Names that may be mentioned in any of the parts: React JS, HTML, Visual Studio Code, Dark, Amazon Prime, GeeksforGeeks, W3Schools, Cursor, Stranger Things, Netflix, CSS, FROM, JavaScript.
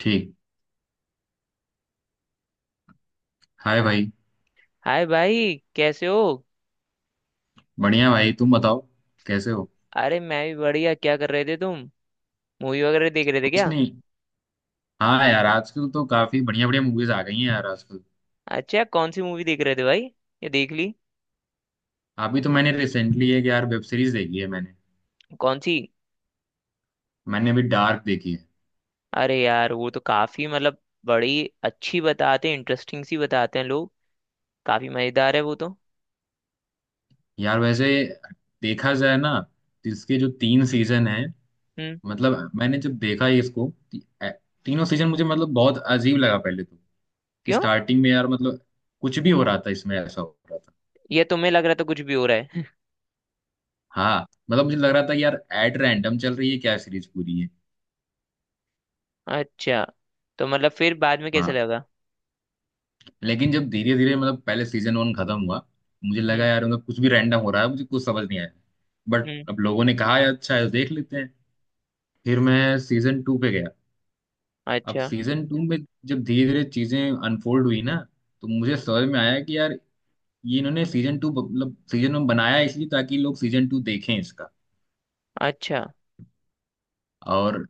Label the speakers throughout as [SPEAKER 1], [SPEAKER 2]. [SPEAKER 1] ठीक। हाय भाई।
[SPEAKER 2] हाय भाई, कैसे हो?
[SPEAKER 1] बढ़िया भाई, तुम बताओ कैसे हो।
[SPEAKER 2] अरे, मैं भी बढ़िया। क्या कर रहे थे तुम? मूवी वगैरह देख रहे थे
[SPEAKER 1] कुछ
[SPEAKER 2] क्या?
[SPEAKER 1] नहीं। हाँ यार, आजकल तो काफी बढ़िया बढ़िया मूवीज आ गई हैं यार आजकल।
[SPEAKER 2] अच्छा, कौन सी मूवी देख रहे थे भाई? ये देख ली?
[SPEAKER 1] अभी तो मैंने रिसेंटली एक यार वेब सीरीज देखी है मैंने
[SPEAKER 2] कौन सी?
[SPEAKER 1] मैंने अभी डार्क देखी है।
[SPEAKER 2] अरे यार, वो तो काफी मतलब बड़ी अच्छी बताते हैं, इंटरेस्टिंग सी बताते हैं लोग। काफी मजेदार है वो तो।
[SPEAKER 1] यार वैसे देखा जाए ना तो इसके जो तीन सीजन हैं।
[SPEAKER 2] हम्म।
[SPEAKER 1] मतलब मैंने जब देखा ये इसको तीनों सीजन मुझे मतलब बहुत अजीब लगा पहले तो। कि
[SPEAKER 2] क्यों?
[SPEAKER 1] स्टार्टिंग में यार मतलब कुछ भी हो रहा था इसमें ऐसा हो रहा था।
[SPEAKER 2] ये तुम्हें लग रहा था कुछ भी हो रहा है?
[SPEAKER 1] हाँ मतलब मुझे लग रहा था कि यार एट रैंडम चल रही है क्या सीरीज पूरी है।
[SPEAKER 2] अच्छा, तो मतलब फिर बाद में कैसे
[SPEAKER 1] हाँ।
[SPEAKER 2] लगा?
[SPEAKER 1] लेकिन जब धीरे धीरे मतलब पहले सीजन वन खत्म हुआ, मुझे लगा
[SPEAKER 2] हम्म।
[SPEAKER 1] यार मतलब कुछ भी रैंडम हो रहा है मुझे कुछ समझ नहीं आया। बट
[SPEAKER 2] हम्म।
[SPEAKER 1] अब लोगों ने कहा यार अच्छा है देख लेते हैं। फिर मैं सीजन टू पे गया। अब
[SPEAKER 2] अच्छा।
[SPEAKER 1] सीजन टू में जब धीरे धीरे चीजें अनफोल्ड हुई ना, तो मुझे समझ में आया कि यार ये इन्होंने सीजन टू मतलब सीजन वन बनाया इसलिए ताकि लोग सीजन टू देखें इसका।
[SPEAKER 2] अच्छा,
[SPEAKER 1] और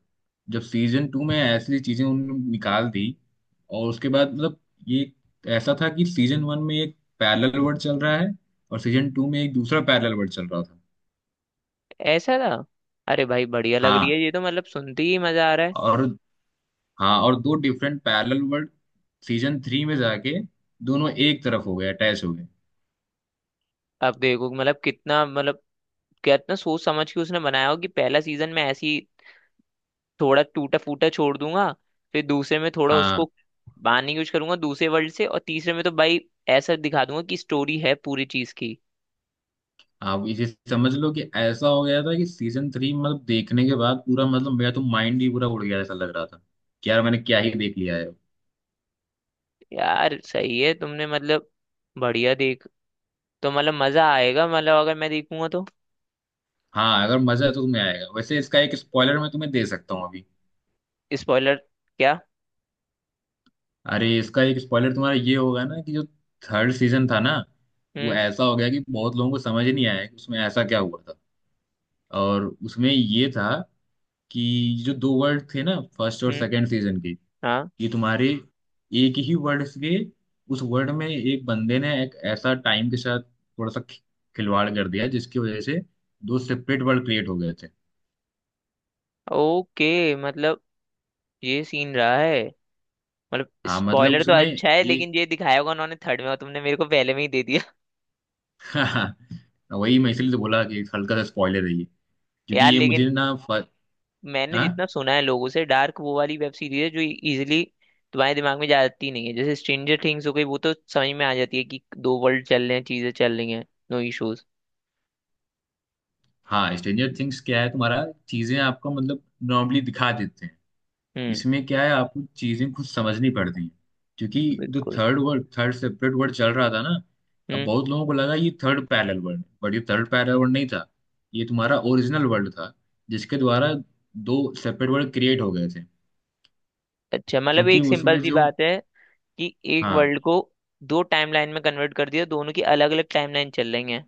[SPEAKER 1] जब सीजन टू में ऐसी चीजें उन्होंने निकाल दी और उसके बाद मतलब ये ऐसा था कि सीजन वन में एक पैरेलल वर्ल्ड चल रहा है और सीजन टू में एक दूसरा पैरेलल वर्ल्ड चल रहा था।
[SPEAKER 2] ऐसा था? अरे भाई, बढ़िया लग रही
[SPEAKER 1] हाँ
[SPEAKER 2] है ये तो, मतलब सुनते ही मजा आ रहा है।
[SPEAKER 1] और हाँ और दो different parallel world season three में जाके दोनों एक तरफ हो गए, अटैच हो गए।
[SPEAKER 2] अब देखो, मतलब कितना, मतलब कितना सोच समझ के उसने बनाया हो कि पहला सीजन में ऐसी थोड़ा टूटा फूटा छोड़ दूंगा, फिर दूसरे में थोड़ा
[SPEAKER 1] हाँ,
[SPEAKER 2] उसको बांधने की कोशिश करूंगा दूसरे वर्ल्ड से, और तीसरे में तो भाई ऐसा दिखा दूंगा कि स्टोरी है पूरी चीज की।
[SPEAKER 1] आप इसे समझ लो कि ऐसा हो गया था कि सीजन थ्री मतलब देखने के बाद पूरा मतलब मेरा तो माइंड ही पूरा उड़ गया, ऐसा लग रहा था कि यार मैंने क्या ही देख लिया है।
[SPEAKER 2] यार, सही है तुमने, मतलब बढ़िया देख। तो मतलब मजा आएगा, मतलब अगर मैं देखूंगा तो।
[SPEAKER 1] हाँ अगर मजा है तो तुम्हें आएगा, वैसे इसका एक स्पॉइलर मैं तुम्हें दे सकता हूँ अभी।
[SPEAKER 2] स्पॉइलर? क्या?
[SPEAKER 1] अरे इसका एक स्पॉइलर तुम्हारा ये होगा ना कि जो थर्ड सीजन था ना वो
[SPEAKER 2] हम्म।
[SPEAKER 1] ऐसा हो गया कि बहुत लोगों को समझ ही नहीं आया कि उसमें ऐसा क्या हुआ था। और उसमें ये था कि जो दो वर्ड थे ना फर्स्ट और
[SPEAKER 2] हम्म।
[SPEAKER 1] सेकंड सीजन के,
[SPEAKER 2] हाँ।
[SPEAKER 1] ये तुम्हारे एक ही वर्ड से, उस वर्ड में एक बंदे ने एक ऐसा टाइम के साथ थोड़ा सा खिलवाड़ कर दिया जिसकी वजह से दो सेपरेट वर्ड क्रिएट हो गए थे।
[SPEAKER 2] ओके, मतलब ये सीन रहा है। मतलब
[SPEAKER 1] हाँ मतलब
[SPEAKER 2] स्पॉइलर तो
[SPEAKER 1] उसमें
[SPEAKER 2] अच्छा है, लेकिन ये दिखाया होगा उन्होंने थर्ड में और तुमने मेरे को पहले में ही दे दिया।
[SPEAKER 1] हाँ वही मैं इसलिए तो बोला कि हल्का सा स्पॉइलर है ये, क्योंकि
[SPEAKER 2] यार
[SPEAKER 1] ये
[SPEAKER 2] लेकिन
[SPEAKER 1] मुझे ना फ...
[SPEAKER 2] मैंने
[SPEAKER 1] हाँ
[SPEAKER 2] जितना सुना है लोगों से, डार्क वो वाली वेब सीरीज है जो इजीली तुम्हारे दिमाग में जाती नहीं है। जैसे स्ट्रेंजर थिंग्स हो गई, वो तो समझ में आ जाती है कि दो वर्ल्ड चल रहे हैं, चीजें चल रही हैं। No issues.
[SPEAKER 1] हाँ, स्ट्रेंजर थिंग्स क्या है तुम्हारा चीजें आपको मतलब नॉर्मली दिखा देते हैं।
[SPEAKER 2] हम्म।
[SPEAKER 1] इसमें क्या है आपको चीजें खुद समझनी पड़ती हैं क्योंकि जो
[SPEAKER 2] बिल्कुल।
[SPEAKER 1] Third word third separate word चल रहा था ना, अब
[SPEAKER 2] हम्म।
[SPEAKER 1] बहुत लोगों को लगा ये थर्ड पैरेलल वर्ड है बट ये थर्ड पैरेलल वर्ड नहीं था। ये तुम्हारा ओरिजिनल वर्ड था जिसके द्वारा दो सेपरेट वर्ड क्रिएट हो गए थे।
[SPEAKER 2] अच्छा मतलब
[SPEAKER 1] क्योंकि
[SPEAKER 2] एक सिंपल
[SPEAKER 1] उसमें
[SPEAKER 2] सी
[SPEAKER 1] जो
[SPEAKER 2] बात है कि एक
[SPEAKER 1] हाँ
[SPEAKER 2] वर्ल्ड को दो टाइमलाइन में कन्वर्ट कर दिया, दोनों की अलग अलग टाइमलाइन चल रही हैं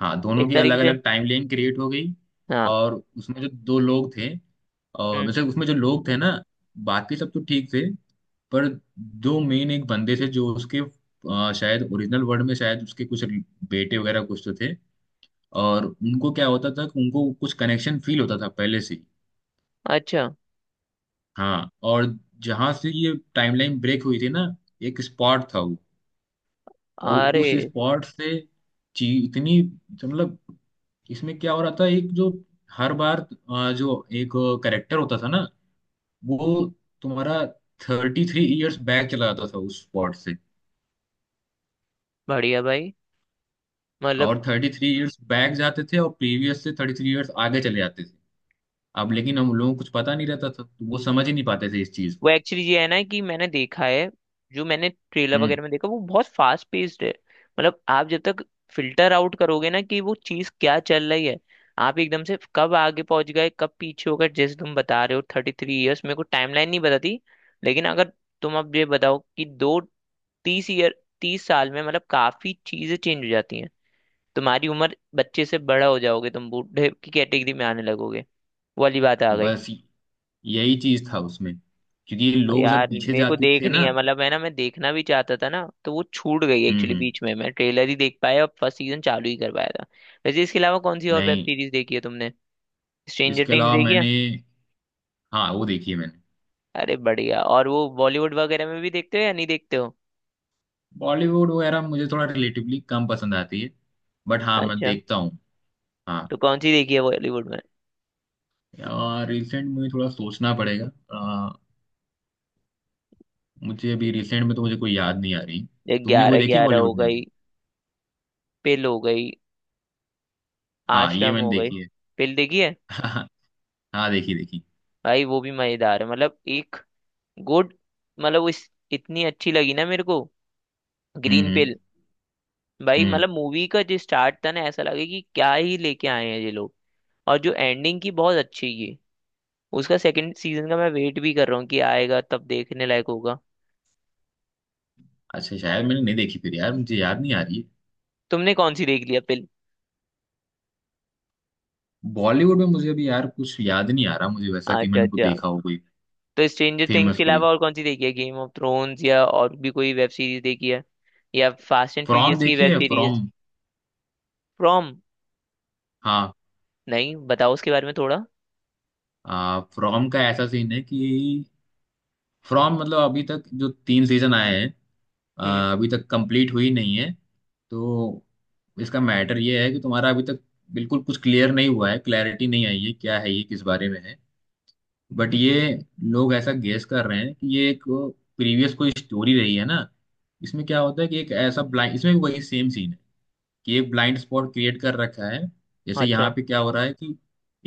[SPEAKER 1] हाँ दोनों
[SPEAKER 2] इस
[SPEAKER 1] की
[SPEAKER 2] तरीके
[SPEAKER 1] अलग
[SPEAKER 2] से।
[SPEAKER 1] अलग टाइम लाइन क्रिएट हो गई,
[SPEAKER 2] हाँ।
[SPEAKER 1] और उसमें जो दो लोग थे और
[SPEAKER 2] हम्म।
[SPEAKER 1] वैसे उसमें जो लोग थे ना, बाकी सब तो ठीक थे पर दो मेन एक बंदे थे जो उसके शायद ओरिजिनल वर्ड में शायद उसके कुछ बेटे वगैरह कुछ तो थे। और उनको क्या होता था कि उनको कुछ कनेक्शन फील होता था पहले से ही।
[SPEAKER 2] अच्छा।
[SPEAKER 1] हाँ और जहाँ से ये टाइमलाइन ब्रेक हुई थी ना, एक स्पॉट था वो, और
[SPEAKER 2] अरे
[SPEAKER 1] उस स्पॉट से ची इतनी मतलब इसमें क्या हो रहा था एक जो हर बार जो एक करेक्टर होता था ना, वो तुम्हारा 33 ईयर्स बैक चला जाता था उस स्पॉट से,
[SPEAKER 2] बढ़िया भाई। मतलब
[SPEAKER 1] और 33 ईयर्स बैक जाते थे और प्रीवियस से 33 ईयर्स आगे चले जाते थे। अब लेकिन हम लोगों को कुछ पता नहीं रहता था तो वो समझ ही नहीं पाते थे इस चीज
[SPEAKER 2] वो
[SPEAKER 1] को।
[SPEAKER 2] एक्चुअली ये है ना कि मैंने देखा है, जो मैंने ट्रेलर
[SPEAKER 1] हम्म
[SPEAKER 2] वगैरह में देखा, वो बहुत फास्ट पेस्ड है। मतलब आप जब तक फिल्टर आउट करोगे ना कि वो चीज क्या चल रही है, आप एकदम से कब आगे पहुंच गए कब पीछे हो गए। जैसे तुम बता रहे हो 33 ईयर्स, मेरे को टाइमलाइन नहीं बताती। लेकिन अगर तुम अब ये बताओ कि दो तीस ईयर 30 साल में, मतलब काफी चीजें चेंज हो जाती हैं। तुम्हारी उम्र बच्चे से बड़ा हो जाओगे, तुम बूढ़े की कैटेगरी में आने लगोगे। वो वाली बात आ गई।
[SPEAKER 1] बस यही चीज था उसमें क्योंकि ये लोग
[SPEAKER 2] यार
[SPEAKER 1] जब पीछे
[SPEAKER 2] मेरे को
[SPEAKER 1] जाते थे
[SPEAKER 2] देखनी
[SPEAKER 1] ना।
[SPEAKER 2] है, मतलब है ना, मैं देखना भी चाहता था ना, तो वो छूट गई एक्चुअली
[SPEAKER 1] हम्म।
[SPEAKER 2] बीच में। मैं ट्रेलर ही देख पाया और फर्स्ट सीजन चालू ही कर पाया था। वैसे इसके अलावा कौन सी और वेब
[SPEAKER 1] नहीं
[SPEAKER 2] सीरीज देखी है तुमने? स्ट्रेंजर
[SPEAKER 1] इसके
[SPEAKER 2] थिंग्स
[SPEAKER 1] अलावा
[SPEAKER 2] देखी है?
[SPEAKER 1] मैंने, हाँ वो देखी है मैंने।
[SPEAKER 2] अरे बढ़िया। और वो बॉलीवुड वगैरह में भी देखते हो या नहीं देखते हो?
[SPEAKER 1] बॉलीवुड वगैरह मुझे थोड़ा रिलेटिवली कम पसंद आती है बट हाँ मैं
[SPEAKER 2] अच्छा।
[SPEAKER 1] देखता हूँ। हाँ
[SPEAKER 2] तो कौन सी देखी है बॉलीवुड में?
[SPEAKER 1] रिसेंट मुझे थोड़ा सोचना पड़ेगा। अ, मुझे अभी रिसेंट में तो मुझे कोई याद नहीं आ रही।
[SPEAKER 2] ये
[SPEAKER 1] तुमने कोई
[SPEAKER 2] ग्यारह
[SPEAKER 1] देखी है
[SPEAKER 2] ग्यारह हो
[SPEAKER 1] बॉलीवुड में
[SPEAKER 2] गई,
[SPEAKER 1] अभी।
[SPEAKER 2] पिल हो गई,
[SPEAKER 1] हाँ ये
[SPEAKER 2] आश्रम
[SPEAKER 1] मैंने
[SPEAKER 2] हो गई।
[SPEAKER 1] देखी है।
[SPEAKER 2] पिल देखी है?
[SPEAKER 1] हाँ देखी देखी।
[SPEAKER 2] भाई वो भी मजेदार है, मतलब एक गुड, मतलब वो इतनी अच्छी लगी ना मेरे को,
[SPEAKER 1] हम्म
[SPEAKER 2] ग्रीन
[SPEAKER 1] हम्म
[SPEAKER 2] पिल। भाई,
[SPEAKER 1] हम्म।
[SPEAKER 2] मतलब मूवी का जो स्टार्ट था ना, ऐसा लगे कि क्या ही लेके आए हैं ये लोग, और जो एंडिंग की बहुत अच्छी की। उसका सेकंड सीजन का मैं वेट भी कर रहा हूँ कि आएगा तब देखने लायक होगा।
[SPEAKER 1] अच्छा शायद मैंने नहीं देखी फिर यार मुझे याद नहीं आ रही है।
[SPEAKER 2] तुमने कौन सी देख लिया फिल्म?
[SPEAKER 1] बॉलीवुड में मुझे अभी यार कुछ याद नहीं आ रहा मुझे वैसा कि
[SPEAKER 2] अच्छा।
[SPEAKER 1] मैंने को
[SPEAKER 2] अच्छा,
[SPEAKER 1] देखा हो कोई
[SPEAKER 2] तो स्ट्रेंजर थिंग्स
[SPEAKER 1] फेमस
[SPEAKER 2] के
[SPEAKER 1] कोई।
[SPEAKER 2] अलावा और कौन सी देखी है? गेम ऑफ थ्रोन्स या और भी कोई वेब सीरीज देखी है? या फास्ट एंड
[SPEAKER 1] फ्रॉम
[SPEAKER 2] फ्यूरियस की
[SPEAKER 1] देखी
[SPEAKER 2] वेब
[SPEAKER 1] है
[SPEAKER 2] सीरीज?
[SPEAKER 1] फ्रॉम।
[SPEAKER 2] फ्रॉम?
[SPEAKER 1] हाँ।
[SPEAKER 2] नहीं, बताओ उसके बारे में थोड़ा।
[SPEAKER 1] फ्रॉम का ऐसा सीन है कि फ्रॉम मतलब अभी तक जो तीन सीजन आए हैं।
[SPEAKER 2] हम्म।
[SPEAKER 1] अभी तक कंप्लीट हुई नहीं है। तो इसका मैटर ये है कि तुम्हारा अभी तक बिल्कुल कुछ क्लियर नहीं हुआ है, क्लैरिटी नहीं आई है क्या है ये किस बारे में है। बट ये लोग ऐसा गेस कर रहे हैं कि ये एक प्रीवियस कोई स्टोरी रही है ना। इसमें क्या होता है कि एक ऐसा ब्लाइंड इसमें भी वही सेम सीन है कि एक ब्लाइंड स्पॉट क्रिएट कर रखा है। जैसे
[SPEAKER 2] अच्छा।
[SPEAKER 1] यहाँ पे क्या हो रहा है कि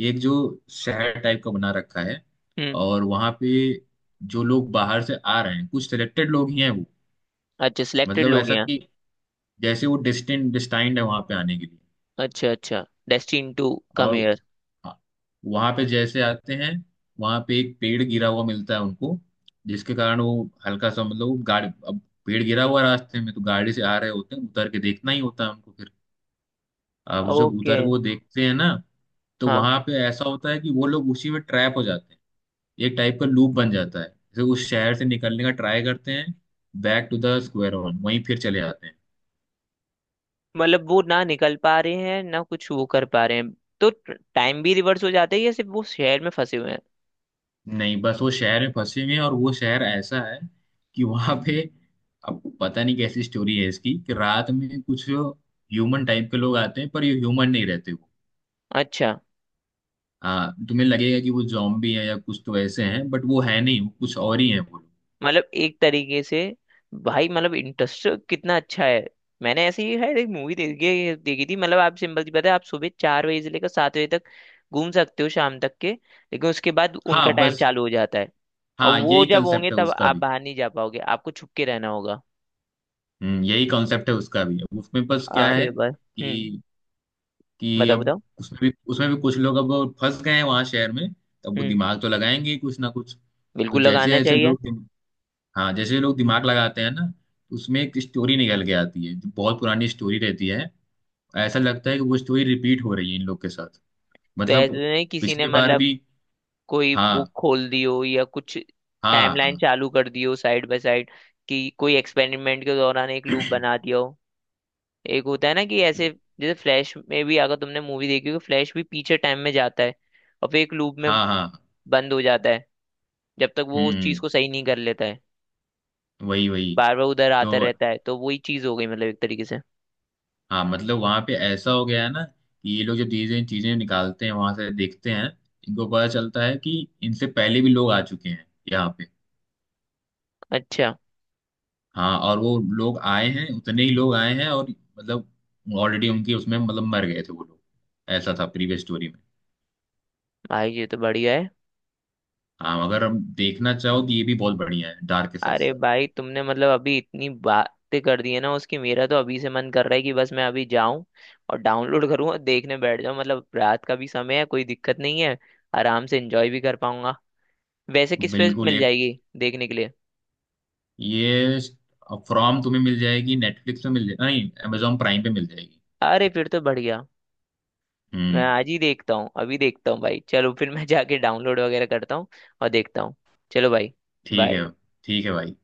[SPEAKER 1] एक जो शहर टाइप का बना रखा है,
[SPEAKER 2] हम्म।
[SPEAKER 1] और वहाँ पे जो लोग बाहर से आ रहे हैं कुछ सिलेक्टेड लोग ही हैं वो।
[SPEAKER 2] अच्छा, सिलेक्टेड
[SPEAKER 1] मतलब
[SPEAKER 2] लोग
[SPEAKER 1] ऐसा
[SPEAKER 2] यहाँ?
[SPEAKER 1] कि जैसे वो डेस्टिन डिस्टाइंड है वहाँ पे आने के लिए,
[SPEAKER 2] अच्छा अच्छा, डेस्टिन टू कम
[SPEAKER 1] और
[SPEAKER 2] हियर।
[SPEAKER 1] हाँ, वहाँ पे जैसे आते हैं वहाँ पे एक पेड़ गिरा हुआ मिलता है उनको, जिसके कारण वो हल्का सा मतलब वो गाड़ी अब पेड़ गिरा हुआ रास्ते में तो गाड़ी से आ रहे होते हैं, उतर के देखना ही होता है उनको फिर। अब जब
[SPEAKER 2] ओके।
[SPEAKER 1] उतर के वो देखते हैं ना तो
[SPEAKER 2] हाँ।
[SPEAKER 1] वहां पे ऐसा होता है कि वो लोग उसी में ट्रैप हो जाते हैं। एक टाइप का लूप बन जाता है, जैसे उस शहर से निकलने का ट्राई करते हैं, back to the square one वहीं फिर चले जाते हैं।
[SPEAKER 2] मतलब वो ना निकल पा रहे हैं ना कुछ वो कर पा रहे हैं। तो टाइम भी रिवर्स हो जाता है या सिर्फ वो शहर में फंसे हुए हैं?
[SPEAKER 1] नहीं बस वो शहर में फंसे हुए हैं, और वो शहर ऐसा है कि वहां पे अब पता नहीं कैसी स्टोरी है इसकी कि रात में कुछ ह्यूमन टाइप के लोग आते हैं पर ये ह्यूमन नहीं रहते वो।
[SPEAKER 2] अच्छा,
[SPEAKER 1] हाँ तुम्हें लगेगा कि वो जॉम्बी हैं या कुछ तो ऐसे हैं बट वो है नहीं, वो कुछ और ही है वो लोग।
[SPEAKER 2] मतलब एक तरीके से। भाई, मतलब इंटरेस्ट कितना अच्छा है। मैंने ऐसे ही है एक मूवी देखी देखी थी, मतलब आप, सिंपल सी बात है, आप सुबह 4 बजे से लेकर 7 बजे तक घूम सकते हो, शाम तक के। लेकिन उसके बाद उनका
[SPEAKER 1] हाँ
[SPEAKER 2] टाइम
[SPEAKER 1] बस
[SPEAKER 2] चालू हो जाता है, और
[SPEAKER 1] हाँ
[SPEAKER 2] वो
[SPEAKER 1] यही
[SPEAKER 2] जब होंगे
[SPEAKER 1] कंसेप्ट है
[SPEAKER 2] तब
[SPEAKER 1] उसका
[SPEAKER 2] आप
[SPEAKER 1] भी।
[SPEAKER 2] बाहर नहीं जा पाओगे, आपको छुप के रहना होगा।
[SPEAKER 1] यही कॉन्सेप्ट है उसका भी, अब उसमें बस क्या है
[SPEAKER 2] अरे बस। हम्म।
[SPEAKER 1] कि कि
[SPEAKER 2] बताओ
[SPEAKER 1] अब
[SPEAKER 2] बताओ।
[SPEAKER 1] उसमें भी उसमें भी कुछ लोग अब फंस गए हैं वहां शहर में, तब वो
[SPEAKER 2] हम्म।
[SPEAKER 1] दिमाग तो लगाएंगे ही कुछ ना कुछ। तो
[SPEAKER 2] बिल्कुल,
[SPEAKER 1] जैसे
[SPEAKER 2] लगाना
[SPEAKER 1] जैसे
[SPEAKER 2] चाहिए।
[SPEAKER 1] लोग हाँ जैसे लोग दिमाग लगाते हैं ना, तो उसमें एक स्टोरी निकल के आती है जो बहुत पुरानी स्टोरी रहती है। ऐसा लगता है कि वो स्टोरी रिपीट हो रही है इन लोग के साथ
[SPEAKER 2] तो ऐसे तो
[SPEAKER 1] मतलब
[SPEAKER 2] नहीं किसी ने,
[SPEAKER 1] पिछली बार
[SPEAKER 2] मतलब
[SPEAKER 1] भी।
[SPEAKER 2] कोई
[SPEAKER 1] हाँ
[SPEAKER 2] बुक खोल दियो या कुछ,
[SPEAKER 1] हाँ
[SPEAKER 2] टाइमलाइन
[SPEAKER 1] हाँ
[SPEAKER 2] चालू कर दियो साइड बाय साइड, कि कोई एक्सपेरिमेंट के दौरान एक लूप बना दिया हो। एक होता है ना कि ऐसे, जैसे फ्लैश में भी, अगर तुमने मूवी देखी हो, फ्लैश भी पीछे टाइम में जाता है, और फिर एक लूप में
[SPEAKER 1] हाँ हाँ।
[SPEAKER 2] बंद हो जाता है जब तक वो उस चीज
[SPEAKER 1] हम्म
[SPEAKER 2] को सही नहीं कर लेता है।
[SPEAKER 1] वही वही।
[SPEAKER 2] बार बार उधर
[SPEAKER 1] तो
[SPEAKER 2] आता रहता है। तो वही चीज हो गई मतलब एक तरीके से।
[SPEAKER 1] हाँ मतलब वहां पे ऐसा हो गया है ना कि ये लोग जो चीजें चीजें निकालते हैं वहां से देखते हैं इनको पता चलता है कि इनसे पहले भी लोग आ चुके हैं यहाँ पे।
[SPEAKER 2] अच्छा।
[SPEAKER 1] हाँ और वो लोग आए हैं उतने ही लोग आए हैं, और मतलब ऑलरेडी उनकी उसमें मतलब मर गए थे वो लोग, ऐसा था प्रीवियस स्टोरी में।
[SPEAKER 2] भाई ये तो बढ़िया है।
[SPEAKER 1] हाँ अगर हम देखना चाहो तो ये भी बहुत बढ़िया है डार्क के साथ
[SPEAKER 2] अरे
[SPEAKER 1] साथ।
[SPEAKER 2] भाई, तुमने मतलब अभी इतनी बातें कर दी है ना उसकी, मेरा तो अभी से मन कर रहा है कि बस मैं अभी जाऊं और डाउनलोड करूं और देखने बैठ जाऊं। मतलब रात का भी समय है, कोई दिक्कत नहीं है, आराम से एंजॉय भी कर पाऊंगा। वैसे किस पे
[SPEAKER 1] बिल्कुल
[SPEAKER 2] मिल
[SPEAKER 1] एक
[SPEAKER 2] जाएगी देखने के लिए?
[SPEAKER 1] ये फ्रॉम तुम्हें मिल जाएगी नेटफ्लिक्स पे मिल जाएगी, नहीं अमेजोन प्राइम पे मिल जाएगी।
[SPEAKER 2] अरे फिर तो बढ़िया, मैं
[SPEAKER 1] हम्म।
[SPEAKER 2] आज ही देखता हूँ, अभी देखता हूँ भाई। चलो, फिर मैं जाके डाउनलोड वगैरह करता हूँ और देखता हूँ। चलो भाई,
[SPEAKER 1] ठीक
[SPEAKER 2] बाय।
[SPEAKER 1] है ठीक है भाई।